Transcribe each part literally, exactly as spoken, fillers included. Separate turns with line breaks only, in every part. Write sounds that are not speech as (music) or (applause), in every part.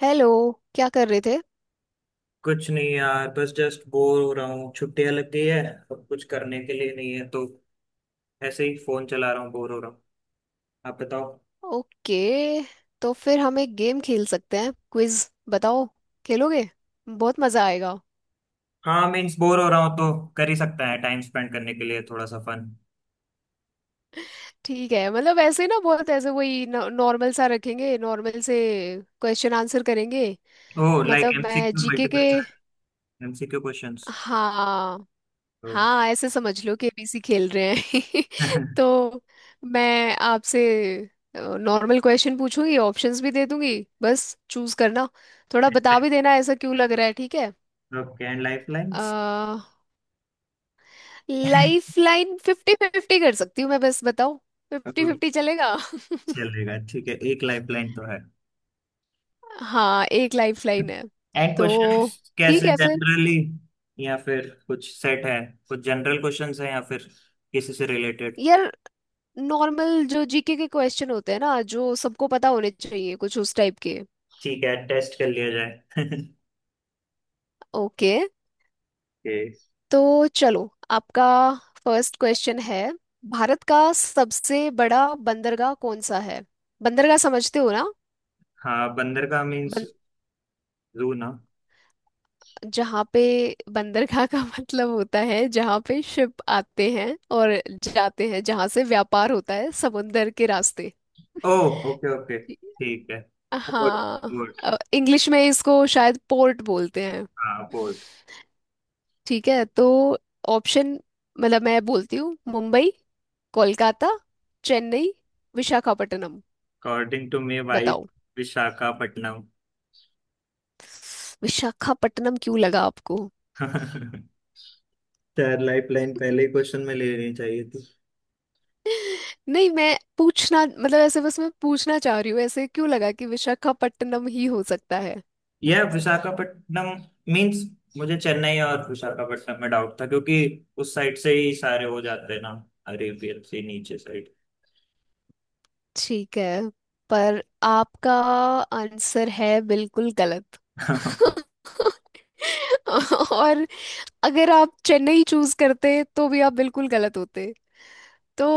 Hello. क्या कर रहे थे?
कुछ नहीं यार बस जस्ट बोर हो रहा हूँ छुट्टियां लग गई है। अब कुछ करने के लिए नहीं है तो ऐसे ही फोन चला रहा हूँ बोर हो रहा हूँ। आप बताओ।
ओके। तो फिर हम एक गेम खेल सकते हैं, क्विज। बताओ, खेलोगे? बहुत मजा आएगा।
हाँ मीन्स बोर हो रहा हूँ तो कर ही सकता है टाइम स्पेंड करने के लिए थोड़ा सा फन।
ठीक है, मतलब ऐसे ना बहुत ऐसे वही नॉर्मल सा रखेंगे, नॉर्मल से क्वेश्चन आंसर करेंगे।
ओ लाइक
मतलब मैं
एमसीक्यू
जीके के।
Multiple choice. एमसीक्यू क्वेश्चंस
हाँ।
तो (laughs)
हाँ ऐसे समझ लो कि ए बी सी खेल रहे हैं। (laughs) तो मैं आपसे नॉर्मल क्वेश्चन पूछूंगी, ऑप्शंस भी दे दूंगी। बस चूज करना, थोड़ा बता भी देना ऐसा क्यों लग रहा है। ठीक है।
Okay and life lines.
Ah, life line fifty fifty कर सकती हूँ मैं, बस बताओ। फिफ्टी फिफ्टी
(laughs)
चलेगा?
चलेगा ठीक है एक लाइफ लाइन तो है।
(laughs) हाँ एक लाइफ लाइन है।
एंड
तो
क्वेश्चंस
ठीक
कैसे
है फिर।
जनरली या फिर कुछ सेट है। कुछ जनरल क्वेश्चंस हैं या फिर किसी से रिलेटेड।
यार, नॉर्मल जो जीके के क्वेश्चन होते हैं ना, जो सबको पता होने चाहिए, कुछ उस टाइप के।
ठीक है टेस्ट कर लिया जाए। (laughs)
ओके।
ओके।
तो चलो, आपका फर्स्ट क्वेश्चन है। भारत का सबसे बड़ा बंदरगाह कौन सा है? बंदरगाह समझते हो ना?
हाँ बंदर का मीन्स जू ना।
जहाँ पे बंदरगाह का (laughs) मतलब होता है जहाँ पे शिप आते हैं और जाते हैं, जहाँ से व्यापार होता है समुंदर के रास्ते।
ओह ओके ओके ठीक है। Port port.
हाँ इंग्लिश में इसको शायद पोर्ट बोलते हैं।
हाँ पोर्ट।
ठीक है। तो ऑप्शन, मतलब मैं बोलती हूँ, Mumbai, Kolkata, Chennai, Visakhapatnam.
According to me भाई
बताओ।
विशाखापट्टनम।
विशाखापट्टनम क्यों लगा आपको?
(laughs) चार लाइफ लाइन पहले ही क्वेश्चन में ले लेनी चाहिए थी।
नहीं मैं पूछना मतलब ऐसे बस मैं पूछना चाह रही हूँ ऐसे क्यों लगा कि विशाखापट्टनम ही हो सकता है।
यह विशाखापट्टनम मीन्स मुझे चेन्नई और विशाखापट्टनम में डाउट था क्योंकि उस साइड से ही सारे हो जाते हैं ना। अरेबियन से नीचे
ठीक है, पर आपका आंसर है बिल्कुल गलत।
साइड। (laughs)
(laughs) और अगर आप चेन्नई चूज करते तो भी आप बिल्कुल गलत होते। तो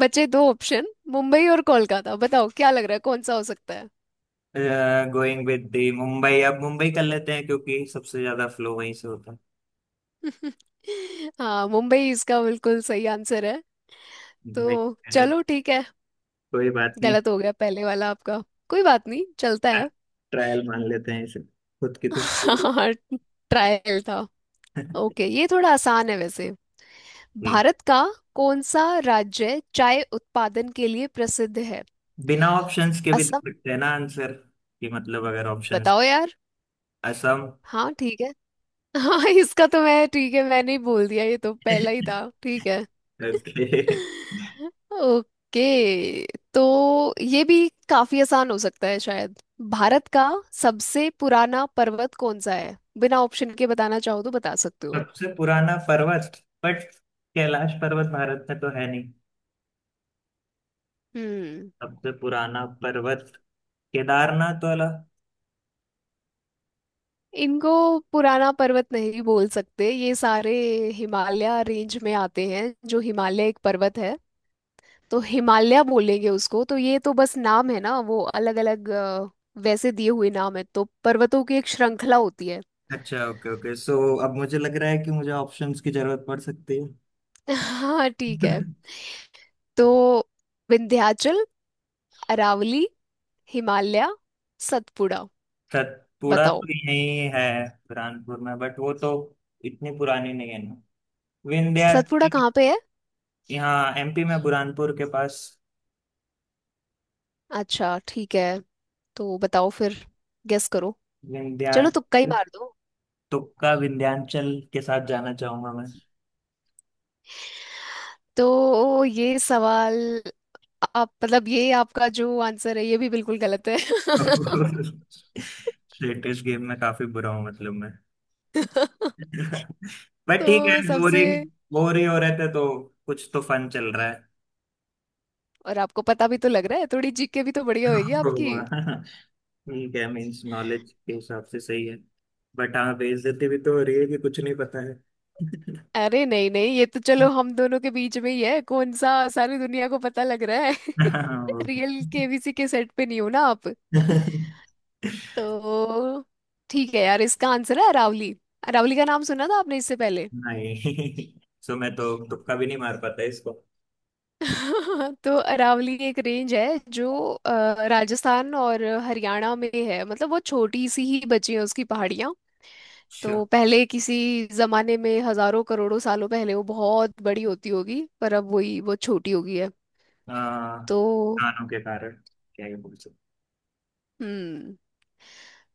बचे दो ऑप्शन, मुंबई और कोलकाता। बताओ क्या लग रहा है कौन सा हो सकता है।
गोइंग विद दी मुंबई अब मुंबई कर लेते हैं क्योंकि सबसे ज्यादा फ्लो वहीं से होता है।
(laughs) हाँ मुंबई इसका बिल्कुल सही आंसर है।
मुंबई।
तो
मेहनत।
चलो ठीक है,
कोई बात नहीं।
गलत हो गया पहले वाला आपका, कोई बात नहीं, चलता है।
ट्रायल मान लेते हैं इसे खुद की खुशी के लिए।
हाँ ट्रायल था।
(laughs)
ओके, ये थोड़ा आसान है वैसे।
ठीक।
भारत का कौन सा राज्य चाय उत्पादन के लिए प्रसिद्ध है?
बिना ऑप्शंस के भी दे
असम।
सकते हैं ना आंसर कि मतलब अगर ऑप्शंस।
बताओ यार।
असम।
हाँ ठीक है। हाँ इसका तो मैं ठीक है, मैंने ही बोल दिया, ये तो पहला ही
(laughs)
था ठीक है।
ओके।
(laughs) ओके। तो ये भी काफी आसान हो सकता है शायद। भारत का सबसे पुराना पर्वत कौन सा है? बिना ऑप्शन के बताना चाहो तो बता सकते हो।
सबसे पुराना पर्वत बट कैलाश पर्वत भारत में तो है नहीं।
हम्म।
सबसे पुराना पर्वत केदारनाथ वाला।
इनको पुराना पर्वत नहीं बोल सकते, ये सारे हिमालय रेंज में आते हैं, जो हिमालय एक पर्वत है। तो हिमालय बोलेंगे उसको, तो ये तो बस नाम है ना वो अलग अलग वैसे दिए हुए नाम है, तो पर्वतों की एक श्रृंखला होती है।
अच्छा ओके ओके सो अब मुझे लग रहा है कि मुझे ऑप्शंस की जरूरत पड़ सकती है।
(laughs) हाँ ठीक है।
(laughs)
तो विंध्याचल, अरावली, हिमालय, सतपुड़ा।
सतपुड़ा
बताओ।
तो यही है बुरहानपुर में बट वो तो इतनी पुरानी नहीं है ना।
सतपुड़ा
विंध्याचल।
कहाँ पे है?
यहाँ एमपी में बुरहानपुर के पास।
अच्छा, ठीक है। तो बताओ फिर, गेस करो, चलो तुक्का ही
विंध्याचल।
मार दो।
तुक्का विंध्याचल के साथ जाना चाहूंगा मैं।
तो ये सवाल आप मतलब ये आपका जो आंसर है ये भी बिल्कुल गलत है।
(laughs) लेटेस्ट गेम में काफी बुरा हूँ मतलब मैं।
(laughs)
(laughs) बट ठीक
तो
है
सबसे
बोरिंग। बोर ही हो रहे थे तो कुछ तो फन चल रहा है।
और आपको पता भी तो लग रहा है थोड़ी, जी के भी तो बढ़िया होगी आपकी।
(laughs) ठीक है मीन्स नॉलेज के हिसाब से सही है। बट हाँ बेइज्जती भी तो हो रही है कि कुछ नहीं पता है। (laughs)
अरे नहीं नहीं, ये तो चलो हम दोनों के बीच में ही है, कौन सा सारी दुनिया को पता लग रहा है। (laughs)
हाँ, वो भी।
रियल के बी सी के सेट पे नहीं हो ना आप।
(laughs)
तो ठीक है यार, इसका आंसर है अरावली। अरावली का नाम सुना था आपने इससे पहले?
नहीं। सो मैं तो तुक्का भी नहीं मार पाता इसको।
(laughs) तो अरावली एक रेंज है जो अ, राजस्थान और हरियाणा में है, मतलब वो छोटी सी ही बची है उसकी पहाड़ियाँ।
अच्छा
तो पहले किसी जमाने में हजारों करोड़ों सालों पहले वो बहुत बड़ी होती होगी, पर अब वही वो छोटी हो गई है।
आ,
तो
कानों के कारण क्या ये बोल सकते।
हम्म।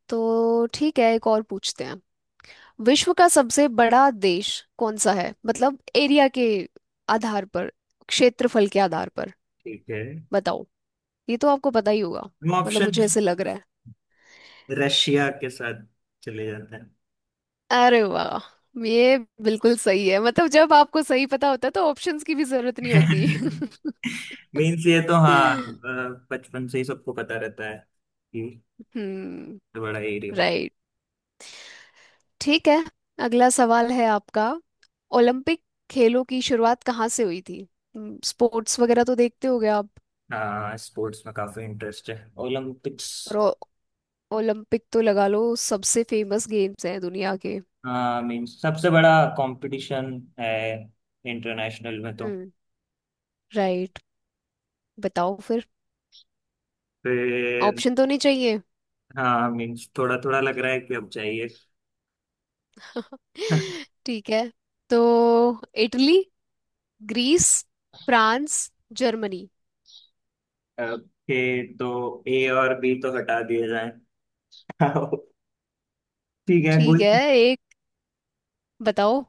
तो ठीक है एक और पूछते हैं। विश्व का सबसे बड़ा देश कौन सा है? मतलब एरिया के आधार पर, क्षेत्रफल के आधार पर।
ठीक है।
बताओ, ये तो आपको पता ही होगा,
हम
मतलब
ऑप्शन
मुझे ऐसे लग रहा है।
रशिया के साथ चले जाते हैं।
अरे वाह, ये बिल्कुल सही है, मतलब जब आपको सही पता होता है तो ऑप्शंस की भी जरूरत नहीं होती।
(laughs)
(laughs)
मीन्स ये तो हाँ अ, बचपन से ही सबको पता रहता है कि
हम्म।
ये बड़ा एरिया।
राइट ठीक है। अगला सवाल है आपका। ओलंपिक खेलों की शुरुआत कहाँ से हुई थी? हम्म, स्पोर्ट्स वगैरह तो देखते होगे आप।
हाँ स्पोर्ट्स में काफी इंटरेस्ट है। ओलंपिक्स।
और ओ- ओलंपिक तो लगा लो सबसे फेमस गेम्स हैं दुनिया के।
हाँ मीन सबसे बड़ा कंपटीशन है इंटरनेशनल में तो
हम्म। राइट। बताओ फिर,
फिर।
ऑप्शन तो नहीं चाहिए?
हाँ मीन्स थोड़ा थोड़ा लग रहा है कि अब चाहिए।
(laughs)
(laughs)
ठीक है, तो Italy, Greece, France, Germany.
Okay तो ए और बी तो हटा दिए जाए। (laughs) ठीक है
ठीक
गुड।
है। एक बताओ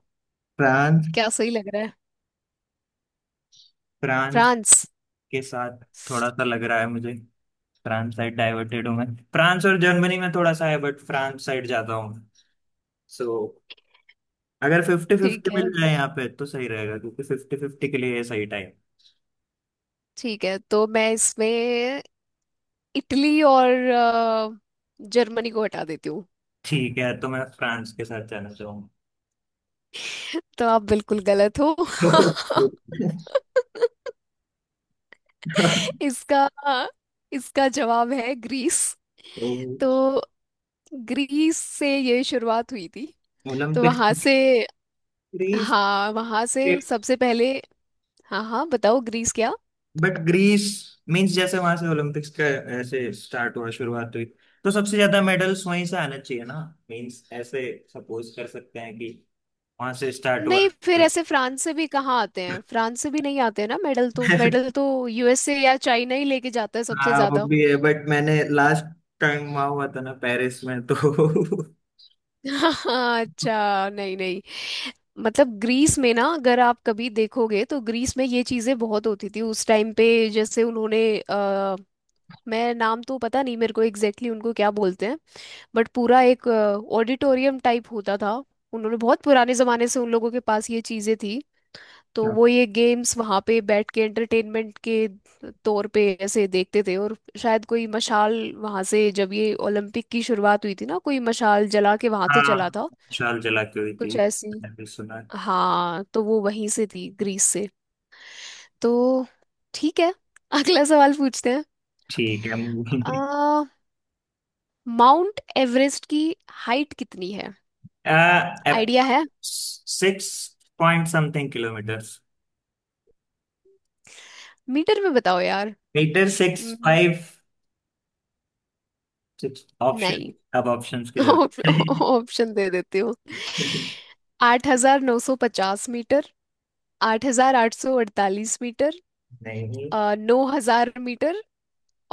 फ्रांस।
क्या सही लग रहा है।
France
France?
के साथ थोड़ा सा लग रहा है मुझे। फ्रांस साइड डाइवर्टेड हूँ मैं। फ्रांस और जर्मनी में थोड़ा सा है बट फ्रांस साइड जाता हूँ। सो अगर फिफ्टी
ठीक
फिफ्टी
है।
मिल जाए यहाँ पे तो सही रहेगा क्योंकि फिफ्टी फिफ्टी के लिए ये सही टाइम।
ठीक है तो मैं इसमें इटली और अ, जर्मनी को हटा देती हूँ।
ठीक है तो मैं फ्रांस के साथ जाना चाहूंगा।
(laughs) तो आप बिल्कुल गलत हो। (laughs)
(laughs)
इसका इसका जवाब है ग्रीस।
तो
तो ग्रीस से ये शुरुआत हुई थी। तो
ओलंपिक्स।
वहां से।
ग्रीस।
हाँ वहां से सबसे पहले। हाँ हाँ बताओ ग्रीस क्या।
बट ग्रीस मींस जैसे वहां से ओलंपिक्स का ऐसे स्टार्ट हुआ शुरुआत हुई तो सबसे ज्यादा मेडल्स वहीं से आना चाहिए ना। मींस ऐसे सपोज कर सकते हैं कि वहां से स्टार्ट हुआ।
नहीं फिर ऐसे फ्रांस से भी कहाँ आते हैं, फ्रांस से भी नहीं आते हैं ना मेडल
(laughs)
तो
है।
मेडल तो यू एस ए या चाइना ही लेके जाता है सबसे
हाँ वो
ज्यादा।
भी है बट मैंने लास्ट टाइम वहां हुआ था ना पेरिस में तो।
(laughs) हाँ अच्छा नहीं नहीं, मतलब ग्रीस में ना अगर आप कभी देखोगे तो ग्रीस में ये चीजें बहुत होती थी उस टाइम पे, जैसे उन्होंने अ, मैं नाम तो पता नहीं मेरे को एग्जैक्टली exactly उनको क्या बोलते हैं, बट पूरा एक ऑडिटोरियम टाइप होता था। उन्होंने बहुत पुराने जमाने से उन लोगों के पास ये चीजें थी, तो वो
(laughs)
ये गेम्स वहाँ पे बैठ के एंटरटेनमेंट के तौर पे ऐसे देखते थे, और शायद कोई मशाल वहाँ से, जब ये ओलंपिक की शुरुआत हुई थी ना, कोई मशाल जला के वहाँ से
हाँ
चला था
विशाल जला के हुई थी
कुछ ऐसी।
मैंने भी सुना।
हाँ तो वो वहीं से थी ग्रीस से। तो ठीक है। (laughs) अगला सवाल पूछते हैं।
ठीक है मूवी।
आ, माउंट एवरेस्ट की हाइट कितनी है?
(laughs) आ,
आइडिया है?
Six point something kilometre.
Metre में बताओ यार।
Metre six
hmm,
five six option.
नहीं।
अब ऑप्शंस की
(laughs)
जरूरत।
ऑप्शन दे देती हूँ। आठ हजार नौ सौ पचास मीटर, आठ हजार आठ सौ अड़तालीस मीटर,
(laughs) नहीं
नौ हजार मीटर,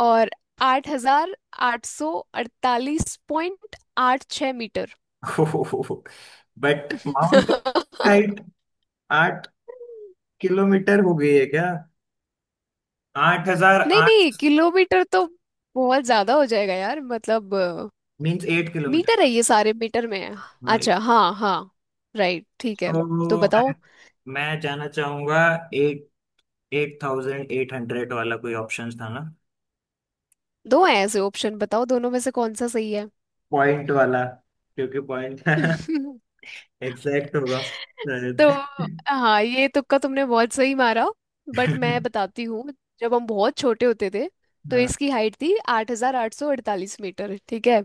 और आठ हजार आठ सौ अड़तालीस पॉइंट आठ छः।
But Mount height.
(laughs)
(laughs) आठ किलोमीटर हो गई है क्या। आठ हजार
नहीं नहीं,
आठ
किलोमीटर तो बहुत ज्यादा हो जाएगा यार, मतलब अ,
मीन्स एट
मीटर है,
किलोमीटर
ये सारे मीटर में है।
नहीं।
अच्छा हाँ हाँ, राइट ठीक है। तो
तो I-
बताओ,
मैं जाना चाहूंगा eight eight thousand eight hundred वाला कोई ऑप्शन था।
दो हैं ऐसे ऑप्शन, बताओ दोनों में से कौन सा सही है।
पॉइंट वाला क्योंकि पॉइंट
(laughs)
एग्जैक्ट (laughs) होगा।
तो
रजत।
हाँ, ये तुक्का तुमने बहुत सही मारा, बट मैं बताती हूँ, जब हम बहुत छोटे होते थे तो
हाँ
इसकी हाइट थी आठ हजार आठ सौ अड़तालीस मीटर, ठीक है।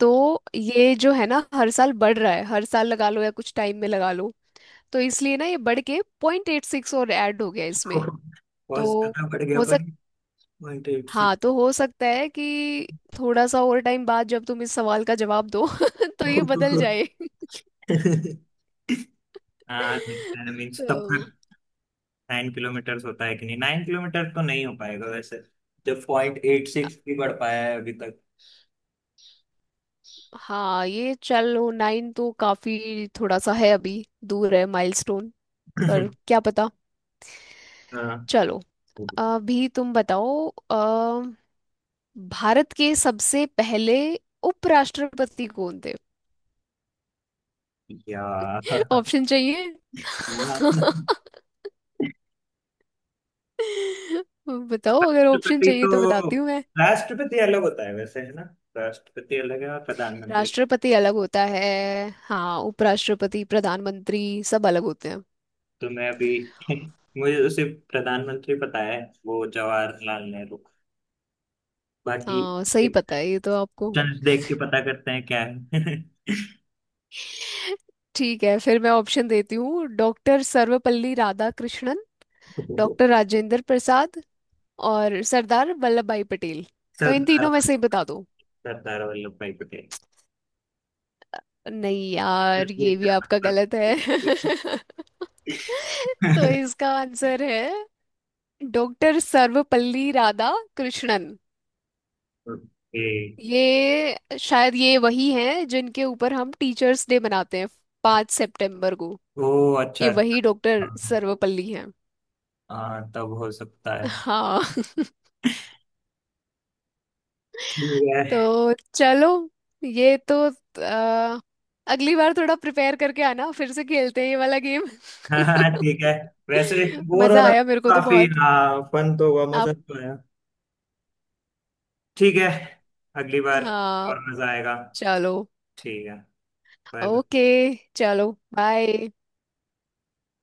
तो ये जो है ना हर साल बढ़ रहा है, हर साल लगा लो या कुछ टाइम में लगा लो, तो इसलिए ना ये बढ़ के पॉइंट एट सिक्स और ऐड हो गया इसमें।
बहुत
तो
ज्यादा बढ़ गया
हो सक
पर पॉइंट एट
हाँ
सिक्स।
तो हो सकता है कि थोड़ा सा और टाइम बाद जब तुम इस सवाल का जवाब दो (laughs) तो ये बदल जाए। (laughs)
हाँ मीन्स तब तक
तो
नाइन किलोमीटर होता है कि नहीं। नाइन किलोमीटर तो नहीं हो पाएगा वैसे जब पॉइंट एट सिक्स भी बढ़ पाया है अभी तक।
हाँ ये चलो, नाइन तो काफी थोड़ा सा है, अभी दूर है माइलस्टोन, पर क्या पता।
हाँ
चलो, अभी तुम बताओ, भारत के सबसे पहले उपराष्ट्रपति कौन थे? (laughs)
यार।
ऑप्शन चाहिए? (laughs) बताओ, अगर ऑप्शन
राष्ट्रपति
चाहिए तो
तो
बताती हूँ मैं।
राष्ट्रपति अलग होता है वैसे है ना। राष्ट्रपति अलग है और प्रधानमंत्री।
राष्ट्रपति अलग होता है, हाँ उपराष्ट्रपति प्रधानमंत्री सब अलग होते हैं।
तो मैं अभी (laughs) मुझे तो सिर्फ प्रधानमंत्री पता है। वो जवाहरलाल नेहरू बाकी
हाँ सही
एक
पता है ये तो आपको।
चंद देख के पता करते हैं क्या है।
ठीक है फिर मैं ऑप्शन देती हूँ, डॉक्टर सर्वपल्ली राधाकृष्णन, डॉक्टर
(laughs)
राजेंद्र प्रसाद, और सरदार वल्लभ भाई पटेल। तो इन तीनों
सरदार।
में से ही बता दो।
सरदार वल्लभ भाई पटेल।
नहीं यार, ये भी
(laughs)
आपका गलत है। (laughs) तो इसका आंसर है doctor Sarvepalli Radhakrishnan.
Okay.
ये शायद ये वही हैं जिनके ऊपर हम टीचर्स डे मनाते हैं, पाँच सितंबर को।
ओ अच्छा
ये वही
अच्छा।
डॉक्टर सर्वपल्ली हैं।
हाँ तब हो सकता है।
हाँ। (laughs)
ठीक है।
तो चलो, ये तो अ, अगली बार थोड़ा प्रिपेयर करके आना, फिर से खेलते हैं ये वाला गेम।
हाँ हाँ, ठीक है। वैसे
(laughs)
बोर हो
मजा
रहा था।
आया मेरे को तो
काफी
बहुत।
हाँ फन तो हुआ
आप?
मजा तो आया। ठीक है अगली बार
हाँ।
और मजा आएगा।
चलो।
ठीक है। बाईं तरफ।
ओके, चलो बाय।